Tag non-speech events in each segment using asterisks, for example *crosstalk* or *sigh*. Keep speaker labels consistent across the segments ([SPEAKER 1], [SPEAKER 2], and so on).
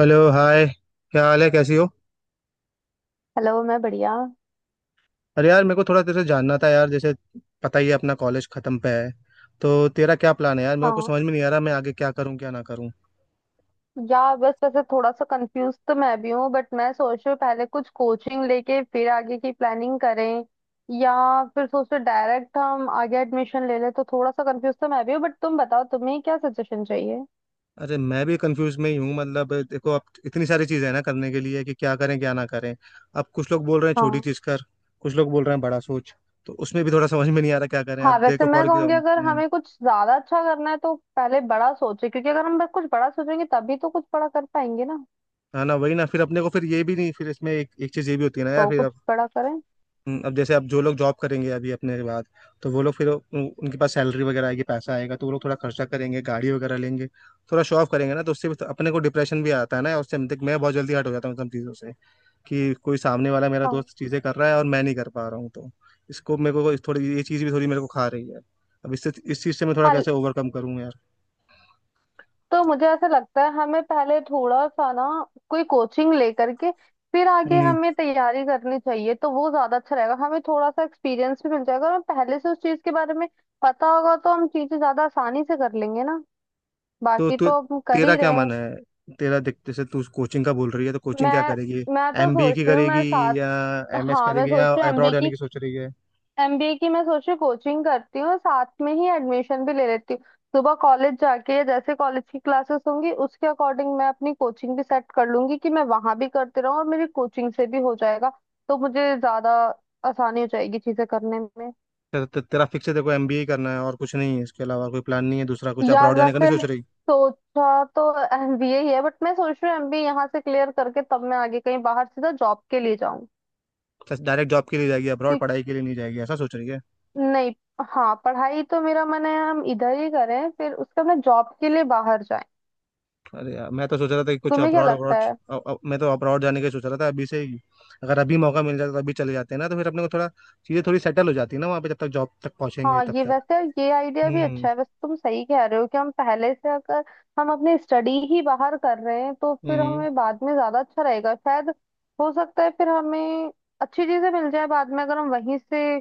[SPEAKER 1] Hello hi. क्या हाल है, कैसी हो?
[SPEAKER 2] हेलो, मैं बढ़िया।
[SPEAKER 1] अरे यार मेरे को थोड़ा तेरे से जानना था यार। जैसे पता ही है अपना कॉलेज खत्म पे है, तो तेरा क्या प्लान है यार? मेरे को कुछ
[SPEAKER 2] हाँ
[SPEAKER 1] समझ में नहीं आ रहा, मैं आगे क्या करूं क्या ना करूं।
[SPEAKER 2] यार, बस वैसे थोड़ा सा कंफ्यूज तो मैं भी हूँ, बट मैं सोच रही हूँ पहले कुछ कोचिंग लेके फिर आगे की प्लानिंग करें। या फिर सोच रहे डायरेक्ट हम आगे एडमिशन ले लें। तो थोड़ा सा कंफ्यूज तो मैं भी हूँ, बट तुम बताओ तुम्हें क्या सजेशन चाहिए।
[SPEAKER 1] अरे मैं भी कंफ्यूज में ही हूँ। मतलब देखो अब इतनी सारी चीज़ें हैं ना करने के लिए कि क्या करें क्या ना करें। अब कुछ लोग बोल रहे हैं छोटी
[SPEAKER 2] हाँ।
[SPEAKER 1] चीज़ कर, कुछ लोग बोल रहे हैं बड़ा सोच। तो उसमें भी थोड़ा समझ में नहीं आ रहा क्या करें।
[SPEAKER 2] हाँ
[SPEAKER 1] अब
[SPEAKER 2] वैसे
[SPEAKER 1] देखो
[SPEAKER 2] मैं
[SPEAKER 1] फॉर
[SPEAKER 2] कहूंगी, अगर हमें कुछ ज्यादा अच्छा करना है तो पहले बड़ा सोचें, क्योंकि अगर हम बस कुछ बड़ा सोचेंगे तभी तो कुछ बड़ा कर पाएंगे ना।
[SPEAKER 1] है ना, वही ना। फिर अपने को फिर ये भी नहीं, फिर इसमें एक एक चीज़ ये भी होती है ना यार
[SPEAKER 2] तो
[SPEAKER 1] फिर।
[SPEAKER 2] कुछ बड़ा करें।
[SPEAKER 1] अब जैसे अब जो लोग जॉब करेंगे अभी अपने के बाद, तो वो लोग फिर उनके पास सैलरी वगैरह आएगी, पैसा आएगा, तो वो लोग थोड़ा खर्चा करेंगे, गाड़ी वगैरह लेंगे, थोड़ा शो ऑफ करेंगे ना। तो उससे भी तो अपने को डिप्रेशन भी आता है ना। और उससे देख मैं बहुत जल्दी हट हो जाता हूँ इन सब चीज़ों से कि कोई सामने वाला मेरा
[SPEAKER 2] हाँ।
[SPEAKER 1] दोस्त चीज़ें कर रहा है और मैं नहीं कर पा रहा हूँ, तो इसको मेरे को थोड़ी ये चीज़ भी थोड़ी मेरे को खा रही है। अब इससे इस चीज़ से मैं थोड़ा
[SPEAKER 2] हाँ,
[SPEAKER 1] कैसे ओवरकम करूँ
[SPEAKER 2] तो मुझे ऐसा लगता है हमें पहले थोड़ा सा ना कोई कोचिंग लेकर के फिर आगे हमें
[SPEAKER 1] यार?
[SPEAKER 2] तैयारी करनी चाहिए। तो वो ज्यादा अच्छा रहेगा, हमें थोड़ा सा एक्सपीरियंस भी मिल जाएगा और हमें पहले से उस चीज के बारे में पता होगा तो हम चीजें ज्यादा आसानी से कर लेंगे ना।
[SPEAKER 1] तो
[SPEAKER 2] बाकी
[SPEAKER 1] तू,
[SPEAKER 2] तो अब हम कर
[SPEAKER 1] तेरा
[SPEAKER 2] ही रहे
[SPEAKER 1] क्या मन
[SPEAKER 2] हैं।
[SPEAKER 1] है? तेरा देख जैसे तू कोचिंग का बोल रही है, तो कोचिंग क्या
[SPEAKER 2] मैं
[SPEAKER 1] करेगी?
[SPEAKER 2] मैं तो
[SPEAKER 1] एमबीए
[SPEAKER 2] सोच
[SPEAKER 1] की
[SPEAKER 2] रही हूँ
[SPEAKER 1] करेगी
[SPEAKER 2] मैं साथ।
[SPEAKER 1] या एमएस
[SPEAKER 2] हाँ मैं
[SPEAKER 1] करेगी
[SPEAKER 2] सोच
[SPEAKER 1] या
[SPEAKER 2] रही हूँ एमबी
[SPEAKER 1] अब्रॉड जाने
[SPEAKER 2] की।
[SPEAKER 1] की सोच रही है?
[SPEAKER 2] एमबीए की मैं सोच रही, कोचिंग करती हूँ साथ में ही एडमिशन भी ले लेती हूँ। सुबह कॉलेज जाके, जैसे कॉलेज की क्लासेस होंगी उसके अकॉर्डिंग मैं अपनी कोचिंग भी सेट कर लूंगी कि मैं वहां भी करती रहूँ और मेरी कोचिंग से भी हो जाएगा। तो मुझे ज्यादा आसानी हो जाएगी चीजें करने में।
[SPEAKER 1] ते, ते, तेरा फिक्स है देखो एमबीए करना है और कुछ नहीं है, इसके अलावा कोई प्लान नहीं है दूसरा? कुछ
[SPEAKER 2] यार
[SPEAKER 1] अब्रॉड जाने का नहीं
[SPEAKER 2] वैसे
[SPEAKER 1] सोच रही?
[SPEAKER 2] सोचा तो एमबीए ही है, बट मैं सोच रही हूँ एमबीए यहाँ से क्लियर करके तब मैं आगे कहीं बाहर सीधा जॉब के लिए जाऊँ।
[SPEAKER 1] डायरेक्ट जॉब के लिए जाएगी, अब्रॉड
[SPEAKER 2] कि
[SPEAKER 1] पढ़ाई के लिए नहीं जाएगी, ऐसा सोच रही है?
[SPEAKER 2] नहीं। हाँ, पढ़ाई तो मेरा मन है हम इधर ही करें, फिर उसके बाद मैं जॉब के लिए बाहर जाए।
[SPEAKER 1] अरे यार मैं तो सोच रहा था कि कुछ
[SPEAKER 2] तुम्हें क्या
[SPEAKER 1] अब्रॉड
[SPEAKER 2] लगता
[SPEAKER 1] अब्रॉड।
[SPEAKER 2] है?
[SPEAKER 1] मैं तो अब्रॉड जाने का ही सोच रहा था अभी से ही। अगर अभी मौका मिल जाता तो अभी चले जाते हैं ना, तो फिर अपने को थोड़ा चीजें थोड़ी सेटल हो जाती है ना वहाँ पे, जब तक जॉब तक पहुंचेंगे
[SPEAKER 2] हाँ
[SPEAKER 1] तब
[SPEAKER 2] ये
[SPEAKER 1] तक।
[SPEAKER 2] वैसे, ये आइडिया भी
[SPEAKER 1] हम्म।
[SPEAKER 2] अच्छा है। वैसे तुम सही कह रहे हो कि हम पहले से अगर हम अपनी स्टडी ही बाहर कर रहे हैं तो फिर
[SPEAKER 1] हम्म।
[SPEAKER 2] हमें बाद में ज्यादा अच्छा रहेगा शायद। हो सकता है फिर हमें अच्छी चीजें मिल जाए बाद में, अगर हम वहीं से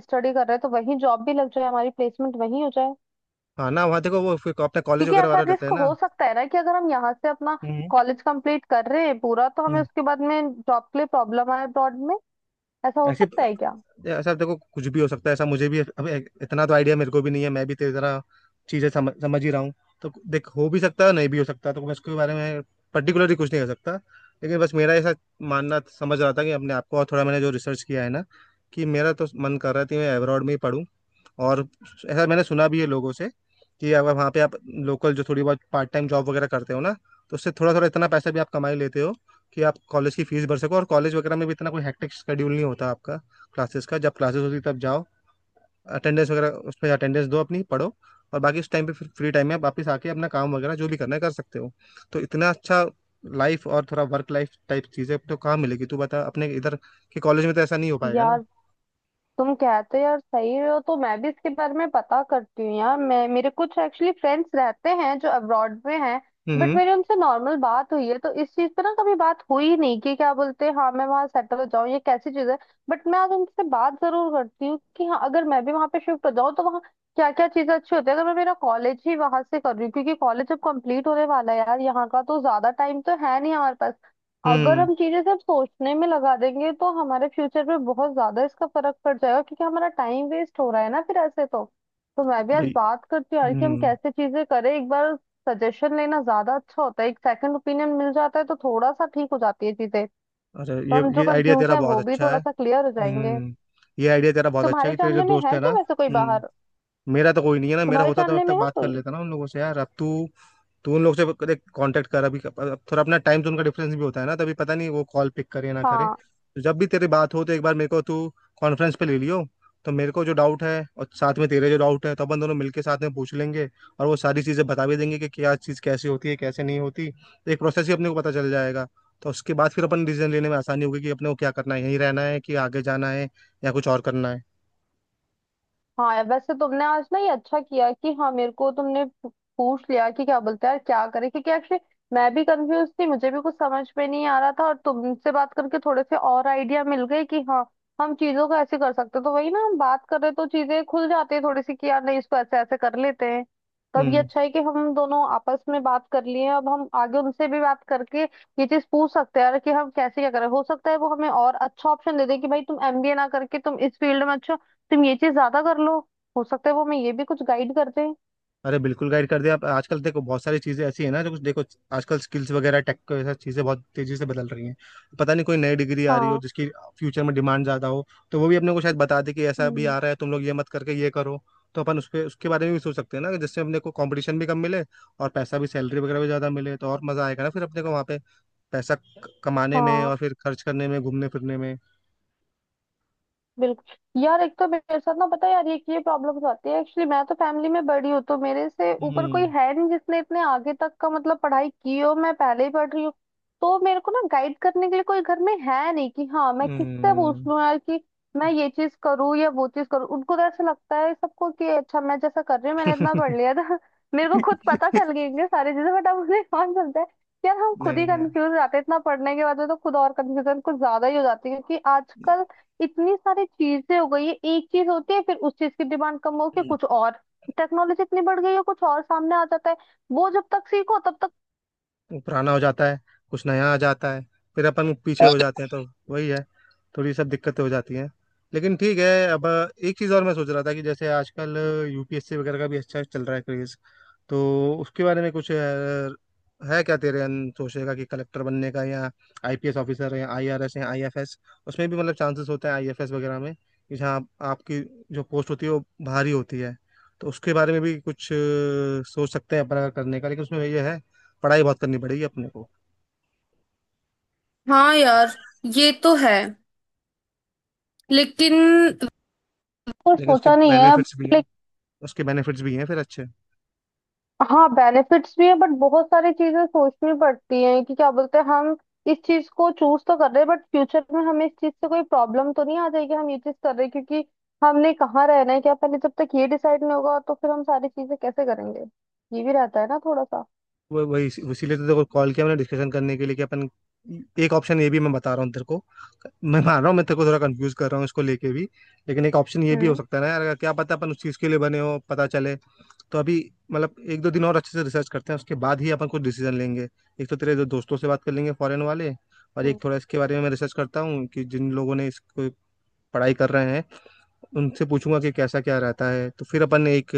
[SPEAKER 2] स्टडी कर रहे हैं तो वहीं जॉब भी लग जाए, हमारी प्लेसमेंट वहीं हो जाए।
[SPEAKER 1] हाँ ना, वहाँ देखो वो फिर अपने कॉलेज
[SPEAKER 2] क्योंकि
[SPEAKER 1] वगैरह
[SPEAKER 2] ऐसा
[SPEAKER 1] वाले रहते हैं
[SPEAKER 2] रिस्क
[SPEAKER 1] ना।
[SPEAKER 2] हो सकता है ना कि अगर हम यहाँ से अपना
[SPEAKER 1] हम्म।
[SPEAKER 2] कॉलेज कंप्लीट कर रहे हैं पूरा, तो हमें
[SPEAKER 1] हम्म।
[SPEAKER 2] उसके बाद में जॉब के लिए प्रॉब्लम आए अब्रॉड में। ऐसा हो
[SPEAKER 1] ऐसे,
[SPEAKER 2] सकता है क्या?
[SPEAKER 1] ऐसा देखो कुछ भी हो सकता है। ऐसा मुझे भी अब इतना तो आइडिया मेरे को भी नहीं है, मैं भी तेरी तरह चीजें समझ समझ ही रहा हूँ। तो देख हो भी सकता है, नहीं भी हो सकता, तो मैं इसके बारे में पर्टिकुलरली कुछ नहीं कर सकता। लेकिन बस मेरा ऐसा मानना समझ रहा था कि अपने आप को और थोड़ा मैंने जो रिसर्च किया है ना, कि मेरा तो मन कर रहा था कि मैं अब्रॉड में ही पढूं। और ऐसा मैंने सुना भी है लोगों से कि अगर वहाँ पे आप लोकल जो थोड़ी बहुत पार्ट टाइम जॉब वगैरह करते हो ना, तो उससे थोड़ा थोड़ा इतना पैसा भी आप कमाई लेते हो कि आप कॉलेज की फीस भर सको। और कॉलेज वगैरह में भी इतना कोई हेक्टिक शेड्यूल नहीं होता आपका। क्लासेस का जब क्लासेस होती है तब जाओ, अटेंडेंस वगैरह उसमें अटेंडेंस दो, अपनी पढ़ो। और बाकी उस टाइम पे फिर फ्री टाइम में आप वापस आके अपना काम वगैरह जो भी करना है कर सकते हो। तो इतना अच्छा लाइफ और थोड़ा वर्क लाइफ टाइप चीजें तो कहाँ मिलेगी तू बता? अपने इधर के कॉलेज में तो ऐसा नहीं हो पाएगा ना।
[SPEAKER 2] यार तुम कहते हो यार सही हो, तो मैं भी इसके बारे में पता करती हूँ यार। मैं मेरे कुछ एक्चुअली फ्रेंड्स रहते हैं जो अब्रॉड में हैं, बट
[SPEAKER 1] हम्म।
[SPEAKER 2] मेरी उनसे नॉर्मल बात हुई है, तो इस चीज पे ना कभी बात हुई नहीं कि क्या बोलते हैं, हाँ मैं वहां सेटल हो जाऊँ ये कैसी चीज है। बट मैं आज उनसे बात जरूर करती हूँ कि हाँ अगर मैं भी वहां पे शिफ्ट हो जाऊँ तो वहाँ क्या क्या चीजें अच्छी होती है, अगर मैं मेरा कॉलेज ही वहां से कर रही हूँ, क्योंकि कॉलेज अब कंप्लीट होने वाला है यार, यहाँ का तो ज्यादा टाइम तो है नहीं हमारे पास। अगर
[SPEAKER 1] हम्म।
[SPEAKER 2] हम चीजें सिर्फ सोचने में लगा देंगे तो हमारे फ्यूचर पे बहुत ज्यादा इसका फर्क पड़ जाएगा, क्योंकि हमारा टाइम वेस्ट हो रहा है ना फिर ऐसे तो। तो मैं भी आज
[SPEAKER 1] भाई।
[SPEAKER 2] बात करती हूँ यार कि हम
[SPEAKER 1] हम्म।
[SPEAKER 2] कैसे चीजें करें एक बार। सजेशन लेना ज्यादा अच्छा होता है, एक सेकंड ओपिनियन मिल जाता है तो थोड़ा सा ठीक हो जाती है चीजें।
[SPEAKER 1] अरे
[SPEAKER 2] तो हम जो
[SPEAKER 1] ये आइडिया
[SPEAKER 2] कंफ्यूज
[SPEAKER 1] तेरा
[SPEAKER 2] है
[SPEAKER 1] बहुत
[SPEAKER 2] वो भी
[SPEAKER 1] अच्छा
[SPEAKER 2] थोड़ा
[SPEAKER 1] है।
[SPEAKER 2] सा क्लियर हो जाएंगे।
[SPEAKER 1] हम्म। ये आइडिया तेरा बहुत अच्छा
[SPEAKER 2] तुम्हारे
[SPEAKER 1] है कि तेरे जो
[SPEAKER 2] जानने में
[SPEAKER 1] दोस्त
[SPEAKER 2] है
[SPEAKER 1] है ना।
[SPEAKER 2] क्या वैसे कोई बाहर?
[SPEAKER 1] हम्म। मेरा तो कोई नहीं है ना। मेरा
[SPEAKER 2] तुम्हारे
[SPEAKER 1] होता तो मैं अब
[SPEAKER 2] जानने
[SPEAKER 1] तक
[SPEAKER 2] में है
[SPEAKER 1] बात कर
[SPEAKER 2] कोई?
[SPEAKER 1] लेता ना उन लोगों से यार। अब तू, तू उन लोग से कांटेक्ट कर अभी। अब थोड़ा अपना टाइम जोन का डिफरेंस भी होता है ना, तभी पता नहीं वो कॉल पिक करे ना करे।
[SPEAKER 2] हाँ।
[SPEAKER 1] तो जब भी तेरी बात हो तो एक बार मेरे को तू कॉन्फ्रेंस पे ले लियो। तो मेरे को जो डाउट है और साथ में तेरे जो डाउट है, तो अपन दोनों मिलके साथ में पूछ लेंगे। और वो सारी चीज़ें बता भी देंगे कि क्या चीज़ कैसे होती है कैसे नहीं होती, तो एक प्रोसेस ही अपने को पता चल जाएगा। तो उसके बाद फिर अपन डिसीजन लेने में आसानी होगी कि अपने को क्या करना है, यहीं रहना है कि आगे जाना है या कुछ और करना है।
[SPEAKER 2] हाँ यार, वैसे तुमने आज ना ये अच्छा किया कि हाँ मेरे को तुमने पूछ लिया कि क्या बोलते हैं यार क्या करें, क्योंकि एक्चुअली मैं भी कंफ्यूज थी, मुझे भी कुछ समझ में नहीं आ रहा था, और तुमसे बात करके थोड़े से और आइडिया मिल गए कि हाँ हम चीजों को ऐसे कर सकते हैं। तो वही ना, हम बात कर रहे तो चीजें खुल जाती है थोड़ी सी कि यार नहीं इसको ऐसे ऐसे कर लेते हैं। तब ये
[SPEAKER 1] हम्म।
[SPEAKER 2] अच्छा है कि हम दोनों आपस में बात कर लिए, अब हम आगे उनसे भी बात करके ये चीज पूछ सकते हैं यार कि हम कैसे क्या करें। हो सकता है वो हमें और अच्छा ऑप्शन दे दे कि भाई तुम एमबीए ना करके तुम इस फील्ड में अच्छा, तुम ये चीज ज्यादा कर लो। हो सकता है वो हमें ये भी कुछ गाइड कर दें।
[SPEAKER 1] अरे बिल्कुल गाइड कर दिया आप। आजकल देखो बहुत सारी चीज़ें ऐसी है ना जो कुछ देखो आजकल स्किल्स वगैरह टेक को ऐसा चीज़ें बहुत तेज़ी से बदल रही हैं। पता नहीं कोई नई डिग्री आ रही हो
[SPEAKER 2] हाँ।
[SPEAKER 1] जिसकी फ्यूचर में डिमांड ज़्यादा हो, तो वो भी अपने को शायद बता दे कि ऐसा भी
[SPEAKER 2] हम्म।
[SPEAKER 1] आ रहा है, तुम लोग ये मत करके ये करो। तो अपन उस पे उसके बारे में भी सोच सकते हैं ना, जिससे अपने को कंपटीशन भी कम मिले और पैसा भी सैलरी वगैरह भी ज़्यादा मिले, तो और मज़ा आएगा ना फिर अपने को वहाँ पे पैसा कमाने में
[SPEAKER 2] हाँ
[SPEAKER 1] और फिर खर्च करने में, घूमने फिरने में।
[SPEAKER 2] बिल्कुल यार, एक तो मेरे साथ ना पता है यार ये प्रॉब्लम्स आती है, एक्चुअली मैं तो फैमिली में बड़ी हूँ, तो मेरे से ऊपर कोई
[SPEAKER 1] हम्म।
[SPEAKER 2] है नहीं जिसने इतने आगे तक का मतलब पढ़ाई की हो, मैं पहले ही पढ़ रही हूँ। तो मेरे को ना गाइड करने के लिए कोई घर में है नहीं कि हाँ मैं किससे पूछ
[SPEAKER 1] हम्म।
[SPEAKER 2] लूँ यार कि मैं ये चीज करूँ या वो चीज करूँ। उनको तो ऐसा लगता है सबको कि अच्छा मैं जैसा कर रही हूँ, मैंने इतना पढ़ लिया था *laughs* मेरे को खुद पता
[SPEAKER 1] *laughs*
[SPEAKER 2] चल गई इनके सारी चीजें, बट अब उन्हें कौन समझता है। यार हम खुद ही
[SPEAKER 1] नहीं यार,
[SPEAKER 2] कंफ्यूज हो जाते हैं इतना पढ़ने के बाद में, तो खुद और कंफ्यूजन कुछ ज्यादा ही हो जाती है, क्योंकि आजकल इतनी सारी चीजें हो गई है, एक चीज होती है फिर उस चीज की डिमांड कम होके कुछ और, टेक्नोलॉजी इतनी बढ़ गई है कुछ और सामने आ जाता है, वो जब तक सीखो तब
[SPEAKER 1] पुराना हो जाता है, कुछ नया आ जाता है, फिर अपन पीछे हो
[SPEAKER 2] तक।
[SPEAKER 1] जाते हैं तो वही है, थोड़ी सब दिक्कतें हो जाती हैं। लेकिन ठीक है अब। एक चीज़ और मैं सोच रहा था कि जैसे आजकल यूपीएससी वगैरह का भी अच्छा चल रहा है क्रेज, तो उसके बारे में कुछ है क्या तेरे? अन सोचेगा कि कलेक्टर बनने का, या आईपीएस ऑफिसर, या आईआरएस, या आईएफएस। उसमें भी मतलब चांसेस होते हैं आईएफएस वगैरह में कि जहाँ आप, आपकी जो पोस्ट होती है वो भारी होती है। तो उसके बारे में भी कुछ सोच सकते हैं अपन अगर करने का। लेकिन उसमें ये है, पढ़ाई बहुत करनी पड़ेगी अपने को।
[SPEAKER 2] हाँ यार ये तो है, लेकिन कुछ
[SPEAKER 1] लेकिन उसके
[SPEAKER 2] सोचा नहीं है अब।
[SPEAKER 1] बेनिफिट्स भी हैं, उसके बेनिफिट्स भी हैं फिर अच्छे।
[SPEAKER 2] हाँ बेनिफिट्स भी हैं, बट बहुत सारी चीजें सोचनी पड़ती हैं कि क्या बोलते हैं हम इस चीज को चूज तो कर रहे हैं, बट फ्यूचर में हमें इस चीज से कोई प्रॉब्लम तो नहीं आ जाएगी, हम ये चीज कर रहे हैं क्योंकि हमने कहाँ रहना है क्या पहले, जब तक ये डिसाइड नहीं होगा तो फिर हम सारी चीजें कैसे करेंगे। ये भी रहता है ना थोड़ा सा।
[SPEAKER 1] वो वही इसीलिए तो देखो कॉल किया मैंने डिस्कशन करने के लिए कि अपन एक ऑप्शन ये भी मैं बता रहा हूँ तेरे को। मैं मान रहा हूँ मैं तेरे को थोड़ा कंफ्यूज कर रहा हूँ इसको लेके भी, लेकिन एक ऑप्शन ये भी हो
[SPEAKER 2] हम्म।
[SPEAKER 1] सकता है ना यार, अगर क्या पता अपन उस चीज़ के लिए बने हो, पता चले। तो अभी मतलब एक दो दिन और अच्छे से रिसर्च करते हैं, उसके बाद ही अपन कुछ डिसीजन लेंगे। एक तो तेरे दो दोस्तों से बात कर लेंगे फॉरेन वाले, और
[SPEAKER 2] हम्म।
[SPEAKER 1] एक थोड़ा इसके बारे में मैं रिसर्च करता हूँ कि जिन लोगों ने इसको पढ़ाई कर रहे हैं उनसे पूछूंगा कि कैसा क्या रहता है, तो फिर अपन एक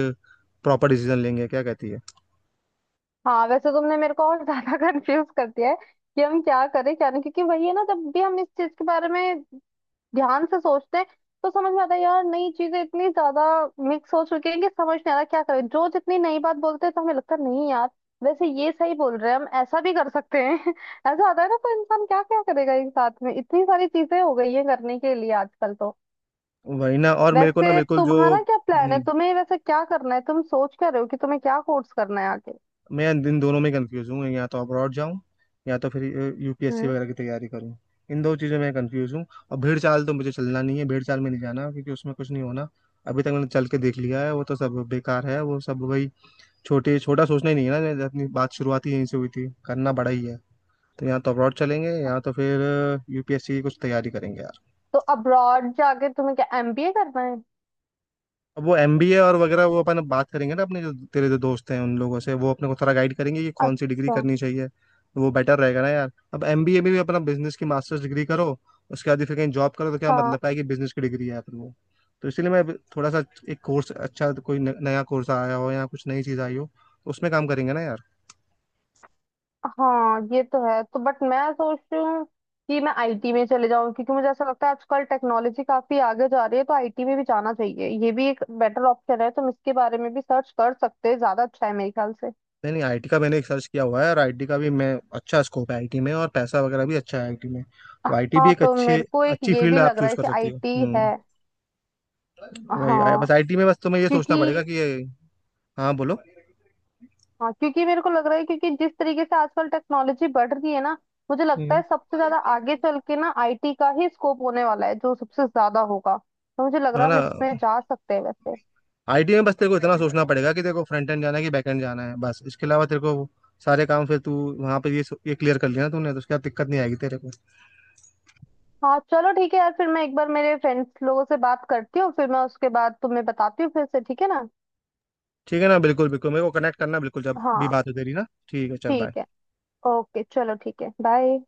[SPEAKER 1] प्रॉपर डिसीजन लेंगे। क्या कहती है?
[SPEAKER 2] हाँ वैसे तुमने मेरे को और ज्यादा *laughs* कंफ्यूज कर दिया है कि हम क्या करें क्या नहीं, क्योंकि वही है ना, जब भी हम इस चीज के बारे में ध्यान से सोचते हैं तो समझ में आता है यार नई चीजें इतनी ज्यादा मिक्स हो चुकी हैं कि समझ नहीं आ रहा क्या करें। जो जितनी नई बात बोलते हैं तो हमें लगता है नहीं यार वैसे ये सही बोल रहे हैं, हम ऐसा भी कर सकते हैं *laughs* ऐसा आता है ना, तो इंसान क्या क्या करेगा, एक साथ में इतनी सारी चीजें हो गई है करने के लिए आजकल तो।
[SPEAKER 1] वही ना। और मेरे को ना
[SPEAKER 2] वैसे
[SPEAKER 1] बिल्कुल जो
[SPEAKER 2] तुम्हारा क्या प्लान है, तुम्हें वैसे क्या करना है, तुम सोच क्या रहे हो कि तुम्हें क्या कोर्स करना है आगे?
[SPEAKER 1] मैं इन दोनों में कंफ्यूज हूँ, या तो अब्रॉड जाऊँ या तो फिर यूपीएससी
[SPEAKER 2] हम्म।
[SPEAKER 1] वगैरह की तैयारी करूँ। इन दो चीज़ों में कंफ्यूज हूँ। और भीड़ चाल तो मुझे चलना नहीं है, भीड़ चाल में नहीं जाना, क्योंकि उसमें कुछ नहीं होना। अभी तक मैंने चल के देख लिया है, वो तो सब बेकार है वो सब। वही छोटे छोटा सोचना ही नहीं है ना, अपनी बात शुरुआत ही यहीं से हुई थी, करना बड़ा ही है। तो या तो अब्रॉड चलेंगे या तो फिर यूपीएससी की कुछ तैयारी करेंगे।
[SPEAKER 2] तो अब्रॉड जाके तुम्हें क्या एमबीए करना है?
[SPEAKER 1] अब वो एमबीए और वगैरह वो अपन बात करेंगे ना अपने जो तेरे जो दोस्त हैं उन लोगों से, वो अपने को थोड़ा गाइड करेंगे कि कौन सी डिग्री
[SPEAKER 2] अच्छा।
[SPEAKER 1] करनी चाहिए। वो बेटर रहेगा ना यार। अब एमबीए में भी अपना बिजनेस की मास्टर्स डिग्री करो, उसके बाद ही फिर कहीं जॉब करो, तो क्या
[SPEAKER 2] हाँ।
[SPEAKER 1] मतलब है कि बिजनेस की डिग्री है फिर वो। तो इसीलिए मैं अभी थोड़ा सा एक कोर्स अच्छा कोई नया कोर्स आया हो या कुछ नई चीज़ आई हो तो उसमें काम करेंगे ना यार।
[SPEAKER 2] हाँ ये तो है, तो बट मैं सोच रही हूँ कि मैं आईटी में चले जाऊँ, क्योंकि मुझे ऐसा लगता है आजकल टेक्नोलॉजी काफी आगे जा रही है तो आईटी में भी जाना चाहिए, ये भी एक बेटर ऑप्शन है, तुम इसके बारे में भी सर्च कर सकते हैं, ज्यादा अच्छा है मेरे ख्याल से।
[SPEAKER 1] नहीं नहीं, आईटी का मैंने एक सर्च किया हुआ है। और आईटी का भी मैं अच्छा स्कोप है आईटी में, और पैसा वगैरह भी अच्छा है आईटी में। तो आईटी भी
[SPEAKER 2] हाँ
[SPEAKER 1] एक
[SPEAKER 2] तो
[SPEAKER 1] अच्छी,
[SPEAKER 2] मेरे को एक
[SPEAKER 1] अच्छी
[SPEAKER 2] ये
[SPEAKER 1] फील्ड
[SPEAKER 2] भी
[SPEAKER 1] आप
[SPEAKER 2] लग रहा
[SPEAKER 1] चूज
[SPEAKER 2] है
[SPEAKER 1] कर
[SPEAKER 2] कि
[SPEAKER 1] सकती हो।
[SPEAKER 2] आईटी है।
[SPEAKER 1] हम्म, वही आया।
[SPEAKER 2] हाँ
[SPEAKER 1] बस आईटी में बस तुम्हें ये सोचना पड़ेगा
[SPEAKER 2] क्योंकि,
[SPEAKER 1] कि ये। हाँ बोलो।
[SPEAKER 2] हाँ क्योंकि मेरे को लग रहा है क्योंकि जिस तरीके से आजकल टेक्नोलॉजी बढ़ रही है ना, मुझे लगता
[SPEAKER 1] हम्म,
[SPEAKER 2] है सबसे ज्यादा आगे चल के ना आईटी का ही स्कोप होने वाला है जो सबसे ज्यादा होगा। तो मुझे लग
[SPEAKER 1] है
[SPEAKER 2] रहा है
[SPEAKER 1] ना।
[SPEAKER 2] हम इसमें जा सकते हैं वैसे।
[SPEAKER 1] आईटी में बस तेरे को इतना सोचना पड़ेगा कि तेरे को फ्रंट एंड जाना है कि बैक एंड जाना है, बस इसके अलावा तेरे को सारे काम फिर तू वहाँ पे ये क्लियर कर लिया ना तूने, तो उसके बाद दिक्कत नहीं आएगी तेरे को।
[SPEAKER 2] हाँ चलो ठीक है यार, फिर मैं एक बार मेरे फ्रेंड्स लोगों से बात करती हूँ, फिर मैं उसके बाद तुम्हें बताती हूँ फिर से, ठीक है ना?
[SPEAKER 1] ठीक है ना, बिल्कुल बिल्कुल। मेरे को कनेक्ट करना बिल्कुल जब भी
[SPEAKER 2] हाँ
[SPEAKER 1] बात हो तेरी ना। ठीक है, चल बाय।
[SPEAKER 2] ठीक है। ओके चलो ठीक है, बाय।